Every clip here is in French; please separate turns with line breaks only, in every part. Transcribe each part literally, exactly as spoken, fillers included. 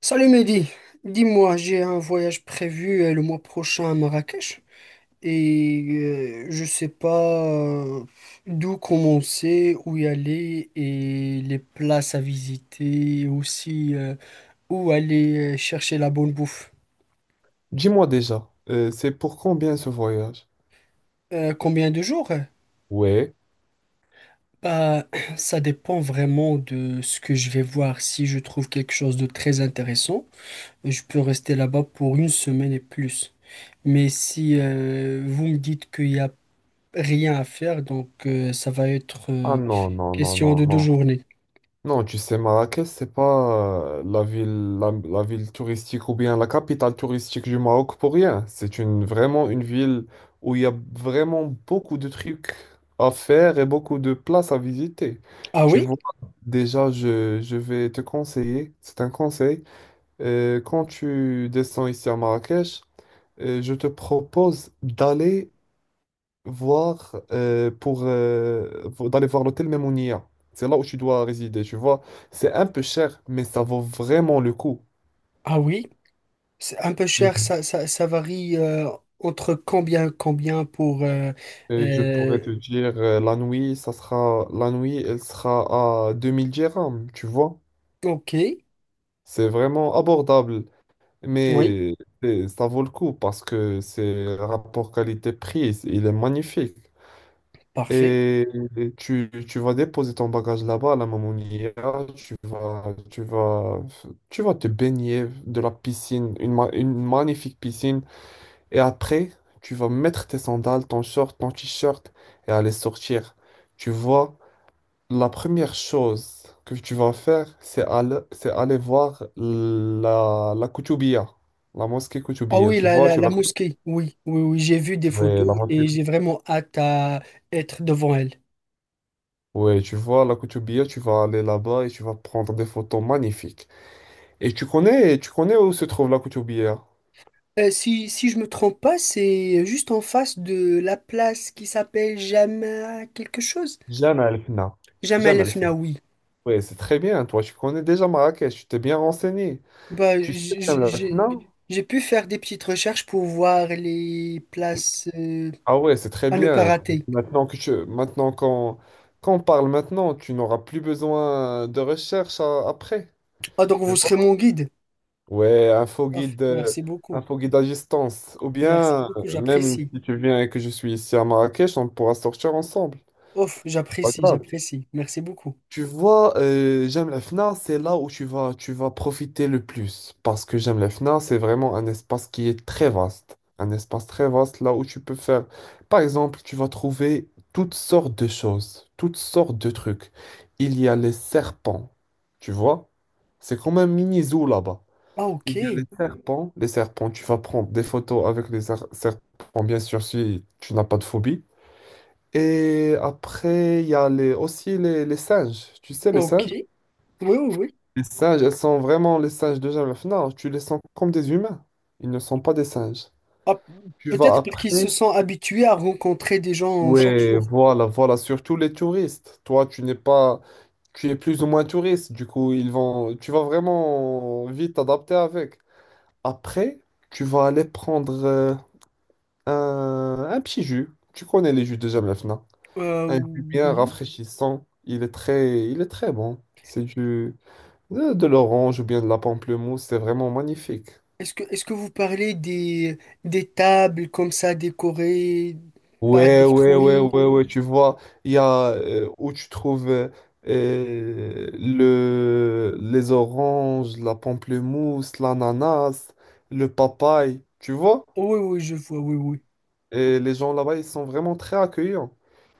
Salut Mehdi, dis-moi, j'ai un voyage prévu euh, le mois prochain à Marrakech et euh, je sais pas euh, d'où commencer, où y aller et les places à visiter, aussi euh, où aller euh, chercher la bonne bouffe.
Dis-moi déjà, euh, c'est pour combien ce voyage?
Euh, combien de jours?
Ouais.
Bah, ça dépend vraiment de ce que je vais voir. Si je trouve quelque chose de très intéressant, je peux rester là-bas pour une semaine et plus. Mais si euh, vous me dites qu'il y a rien à faire, donc euh, ça va être
Ah
euh,
non, non, non,
question
non,
de deux
non.
journées.
Non, tu sais, Marrakech, c'est pas euh, la ville, la, la ville touristique ou bien la capitale touristique du Maroc pour rien. C'est une, vraiment une ville où il y a vraiment beaucoup de trucs à faire et beaucoup de places à visiter.
Ah
Tu
oui?
vois, déjà, je, je vais te conseiller, c'est un conseil. Euh, quand tu descends ici à Marrakech, euh, je te propose d'aller voir euh, pour euh, vo- d'aller voir l'hôtel même en I A. C'est là où tu dois résider, tu vois. C'est un peu cher, mais ça vaut vraiment le coup.
Ah oui? C'est un peu cher, ça, ça, ça varie euh, entre combien, combien pour... euh,
Euh, je
euh,
pourrais te dire, euh, la nuit, ça sera, la nuit, elle sera à deux mille dirhams, tu vois.
ok.
C'est vraiment abordable,
Oui.
mais euh, ça vaut le coup parce que c'est rapport qualité-prix, il est magnifique.
Parfait.
Et tu, tu vas déposer ton bagage là-bas à la Mamounia, tu vas, tu vas, tu vas te baigner de la piscine, une, ma- une magnifique piscine. Et après, tu vas mettre tes sandales, ton short, ton t-shirt et aller sortir. Tu vois, la première chose que tu vas faire, c'est aller, c'est aller voir la, la Koutoubia, la mosquée
Ah
Koutoubia.
oui,
Tu
la,
vois,
la,
tu
la
la connais?
mosquée, oui, oui, oui, j'ai vu des
Oui,
photos
la mosquée.
et j'ai vraiment hâte à être devant elle.
Ouais, tu vois, la Koutoubia, tu vas aller là-bas et tu vas prendre des photos magnifiques. Et tu connais, tu connais où se trouve la Koutoubia?
Euh, si, si je me trompe pas, c'est juste en face de la place qui s'appelle Jamal quelque chose.
Jamais el Fna.
Jamal
Jamais
el
el Fna.
Fnaoui.
Ouais, c'est très bien. Toi, tu connais déjà Marrakech, tu t'es bien renseigné.
Bah,
Tu sais
j- j-
Jemaa el
j'ai
Fna?
j'ai pu faire des petites recherches pour voir les places euh,
Ah ouais, c'est très
à ne pas
bien.
rater.
Maintenant que tu, maintenant qu'on, qu'on parle maintenant, tu n'auras plus besoin de recherche euh, après.
Ah, donc
Tu
vous serez
vois.
mon guide.
Ouais, un faux
Ouf,
guide, euh,
merci beaucoup.
un faux guide à distance. Ou
Merci
bien,
beaucoup,
euh, même
j'apprécie.
si tu viens et que je suis ici à Marrakech, on pourra sortir ensemble.
Ouf,
Pas
j'apprécie,
grave.
j'apprécie. Merci beaucoup.
Tu vois, euh, J'aime la F N A, c'est là où tu vas, tu vas profiter le plus. Parce que J'aime la F N A, c'est vraiment un espace qui est très vaste. Un espace très vaste là où tu peux faire. Par exemple, tu vas trouver toutes sortes de choses, toutes sortes de trucs. Il y a les serpents, tu vois? C'est comme un mini zoo là-bas.
Ah,
Il y a
ok.
les serpents. Les serpents, tu vas prendre des photos avec les ser- serpents, bien sûr, si tu n'as pas de phobie. Et après, il y a les, aussi les, les singes. Tu sais, les
Ok.
singes?
Oui, oui, oui.
Les singes, elles sont vraiment les singes de Jeff. Non, tu les sens comme des humains. Ils ne sont pas des singes.
Ah,
Tu vas
peut-être parce qu'ils se
après.
sont habitués à rencontrer des gens chaque
Oui,
jour.
voilà, voilà, surtout les touristes. Toi, tu n'es pas, tu es plus ou moins touriste. Du coup, ils vont, tu vas vraiment vite t'adapter avec. Après, tu vas aller prendre euh, un, un petit jus. Tu connais les jus de Jeff?
Euh,
Un jus bien
oui.
rafraîchissant. Il est très, il est très bon. C'est du, de de l'orange ou bien de la pamplemousse. C'est vraiment magnifique.
Est-ce que, est-ce que vous parlez des, des tables comme ça décorées par des
Ouais, ouais, ouais,
fruits?
ouais, ouais. Tu vois, il y a euh, où tu trouves euh, euh, le, les oranges, la pamplemousse, l'ananas, le papaye. Tu vois?
Oui, oui, je vois, oui, oui.
Et les gens là-bas, ils sont vraiment très accueillants.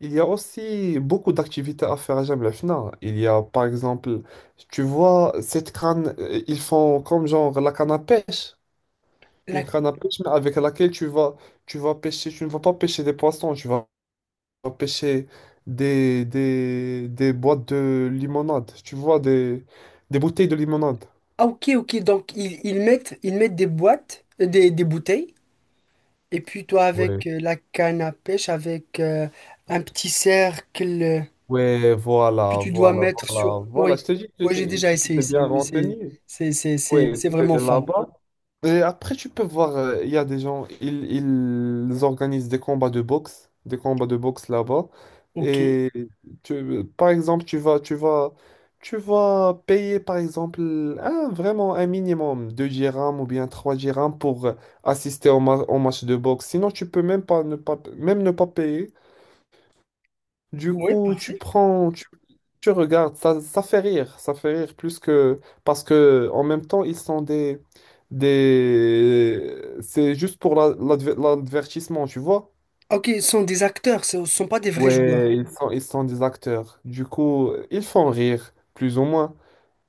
Il y a aussi beaucoup d'activités à faire à Jemaa el Fna. Il y a, par exemple, tu vois, cette canne, euh, ils font comme genre la canne à pêche. Une
La
canne à pêche, mais avec laquelle tu vas, tu vas pêcher, tu ne vas pas pêcher des poissons, tu vas pêcher des, des, des boîtes de limonade. Tu vois, des, des bouteilles de limonade.
ah ok, ok, donc ils, ils mettent ils mettent des boîtes euh, des, des bouteilles et puis toi
Ouais.
avec euh, la canne à pêche avec euh, un petit cercle euh,
Ouais,
que
voilà,
tu dois
voilà,
mettre sur.
voilà, voilà.
Oui,
Je te dis que
moi j'ai
je-
déjà
que tu
essayé
t'es
ça,
bien
oui, c'est
renseigné.
c'est c'est c'est
Ouais,
c'est
t'es
vraiment fun.
là-bas. Et après, tu peux voir, euh, il y a des gens, ils, ils organisent des combats de boxe, des combats de boxe là-bas.
Ok.
Et tu, par exemple, tu vas, tu vas, tu vas payer, par exemple, un, vraiment un minimum, deux dirhams ou bien trois dirhams pour euh, assister au, ma- au match de boxe. Sinon, tu peux même pas ne pas, même ne pas payer. Du
Ouais,
coup, tu
parfait.
prends, tu, tu regardes, ça, ça fait rire, ça fait rire plus que... Parce que en même temps, ils sont des... des... C'est juste pour la- l'adver- l'advertissement, tu vois?
Ok, ce sont des acteurs, ce ne sont pas des vrais joueurs.
Ouais, Ils sont, ils sont des acteurs. Du coup, ils font rire, plus ou moins.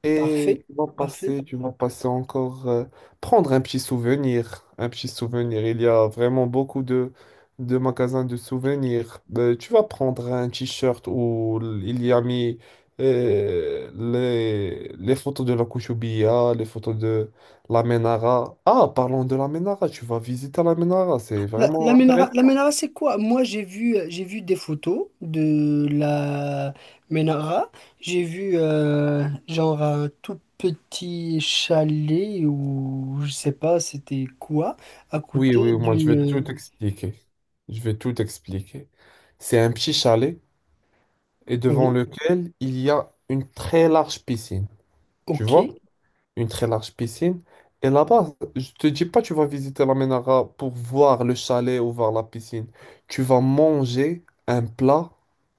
Et
Parfait.
tu vas
Parfait.
passer, tu vas passer encore, euh, prendre un petit souvenir, un petit souvenir. Il y a vraiment beaucoup de, de magasins de souvenirs. Euh, tu vas prendre un t-shirt où il y a mis euh, les, les photos de la Kouchoubia, les photos de la Menara. Ah, parlons de la Menara, tu vas visiter la Menara, c'est
La, la
vraiment
Ménara,
intéressant.
la Ménara, c'est quoi? Moi, j'ai vu, j'ai vu des photos de la Ménara. J'ai vu euh, genre un tout petit chalet ou je sais pas, c'était quoi, à
Oui,
côté
oui, moi je vais
d'une.
tout expliquer. Je vais tout expliquer. C'est un petit chalet, et devant
Oui,
lequel il y a une très large piscine. Tu
ok.
vois? Une très large piscine. Et là-bas, je te dis pas tu vas visiter la Ménara pour voir le chalet ou voir la piscine. Tu vas manger un plat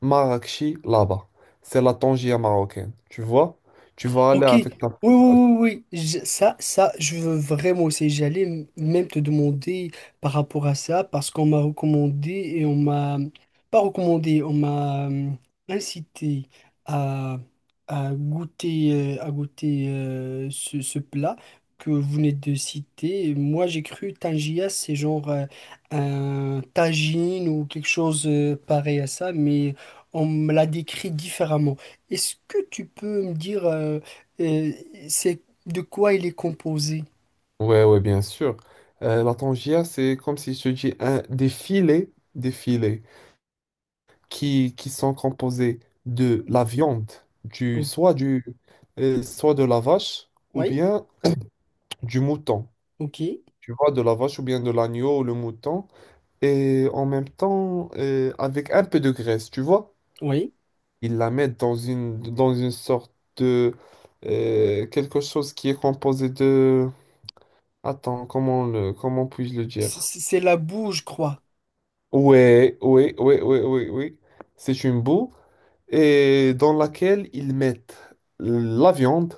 marrakchi là-bas. C'est la tangia marocaine. Tu vois? Tu vas aller
Ok, oui,
avec ta...
oui, oui, oui, je- ça, ça, je veux vraiment essayer. J'allais m- même te demander par rapport à ça, parce qu'on m'a recommandé et on m'a, pas recommandé, on m'a euh, incité à, à goûter, euh, à goûter euh, ce, ce plat que vous venez de citer. Et moi, j'ai cru tangia, c'est genre euh, un tagine ou quelque chose euh, pareil à ça, mais on me l'a décrit différemment. Est-ce que tu peux me dire... euh, euh, c'est de quoi il est composé?
Ouais, ouais, bien sûr. Euh, la tangia, c'est comme si je te dis un... des filets, des filets qui, qui sont composés de la viande, du,
Oh.
soit, du, euh, soit de la vache ou
Oui,
bien du mouton.
ok,
Tu vois, de la vache ou bien de l'agneau, ou le mouton. Et en même temps, euh, avec un peu de graisse, tu vois.
oui.
Ils la mettent dans une, dans une sorte de... euh, quelque chose qui est composé de... Attends, comment le, comment puis-je le
C-
dire?
c- C'est la boue, je crois.
Ouais, ouais, ouais, ouais, ouais, ouais. C'est une boue et dans laquelle ils mettent la viande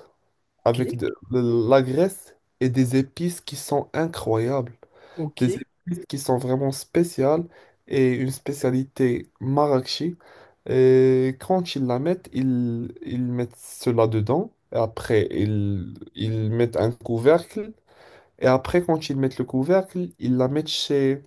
Ok,
avec de, de la graisse et des épices qui sont incroyables,
ok.
des épices qui sont vraiment spéciales et une spécialité marrakchi. Et quand ils la mettent, ils, ils mettent cela dedans et après ils, ils mettent un couvercle, et après quand ils mettent le couvercle, ils la mettent chez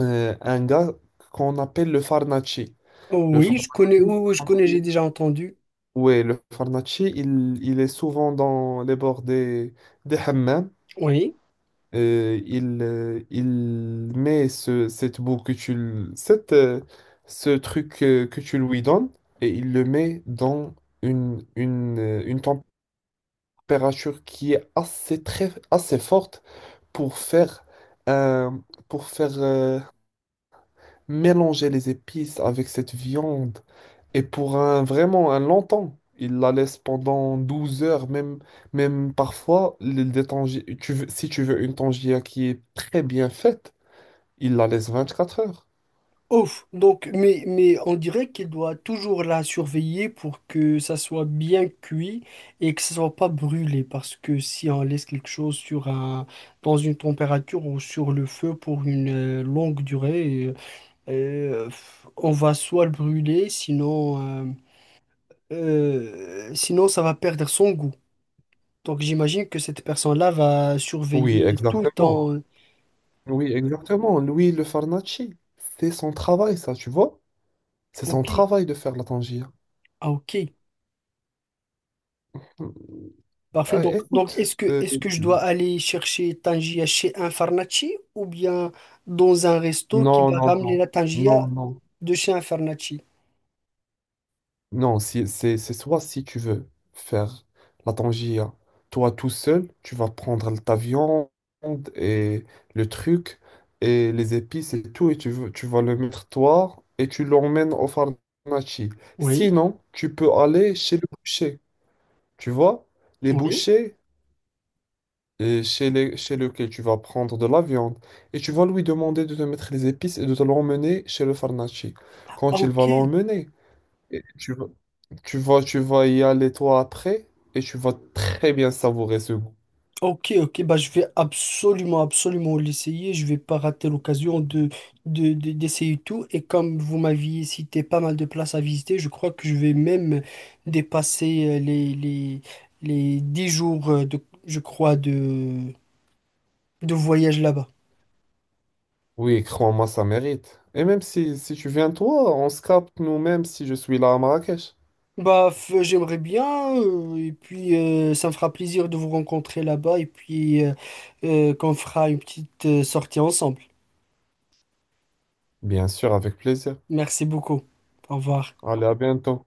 euh, un gars qu'on appelle le farnaci.
Oh
Le
oui, je connais,
Farnacci,
oui, oui, je connais, j'ai déjà entendu.
ouais, le farnaci il, il est souvent dans les bords des, des hammams.
Oui.
Euh, il, euh, il met ce, cette boue, que tu, l- cette, euh, ce truc, euh, que tu lui donnes, et il le met dans une, une, euh, une température qui est assez, très, assez forte pour faire, euh, pour faire euh, mélanger les épices avec cette viande. Et pour un vraiment un long temps, il la laisse pendant douze heures, même, même parfois, les, les tangi- tu veux, si tu veux une tangia qui est très bien faite, il la laisse vingt-quatre heures.
Ouf, donc, mais, mais on dirait qu'il doit toujours la surveiller pour que ça soit bien cuit et que ça soit pas brûlé, parce que si on laisse quelque chose sur un, dans une température ou sur le feu pour une euh, longue durée, euh, euh, on va soit le brûler, sinon euh, Euh, sinon, ça va perdre son goût. Donc, j'imagine que cette personne-là va
Oui,
surveiller tout le
exactement.
temps. euh,
Oui, exactement. Lui, le Farnacci, c'est son travail, ça, tu vois? C'est son
Ok.
travail de faire la tangia.
Ah, ok. Parfait.
Euh,
Donc, donc
écoute,
est-ce que,
euh,
est-ce que je dois aller chercher Tangia chez un Farnaci ou bien dans un resto qui
non,
va
non,
ramener
non,
la
non,
Tangia
non.
de chez un Farnaci?
Non, si- c'est c'est soit si tu veux faire la tangia, toi tout seul, tu vas prendre ta viande et le truc et les épices et tout, et tu, veux- tu vas le mettre toi et tu l'emmènes au pharmacie.
Oui.
Sinon, tu peux aller chez le boucher. Tu vois, les
Oui.
bouchers euh, chez, les, chez lequel tu vas prendre de la viande et tu vas lui demander de te mettre les épices et de te l'emmener chez le pharmacie.
Ah,
Quand il
ok.
va l'emmener, et tu vas tu vas, tu vas y aller toi après et tu vas très bien savourer ce goût.
Ok, ok, bah je vais absolument, absolument l'essayer. Je vais pas rater l'occasion de, de, de- d'essayer tout. Et comme vous m'aviez cité pas mal de places à visiter, je crois que je vais même dépasser euh, les, les, les dix jours euh, de, je crois, de, de voyage là-bas.
Oui, crois-moi, ça mérite. Et même si, si tu viens toi, on se capte nous-mêmes si je suis là à Marrakech.
Bah, f- j'aimerais bien, euh, et puis euh, ça me fera plaisir de vous rencontrer là-bas, et puis euh, euh, qu'on fera une petite euh, sortie ensemble.
Bien sûr, avec plaisir.
Merci beaucoup. Au revoir.
Allez, à bientôt.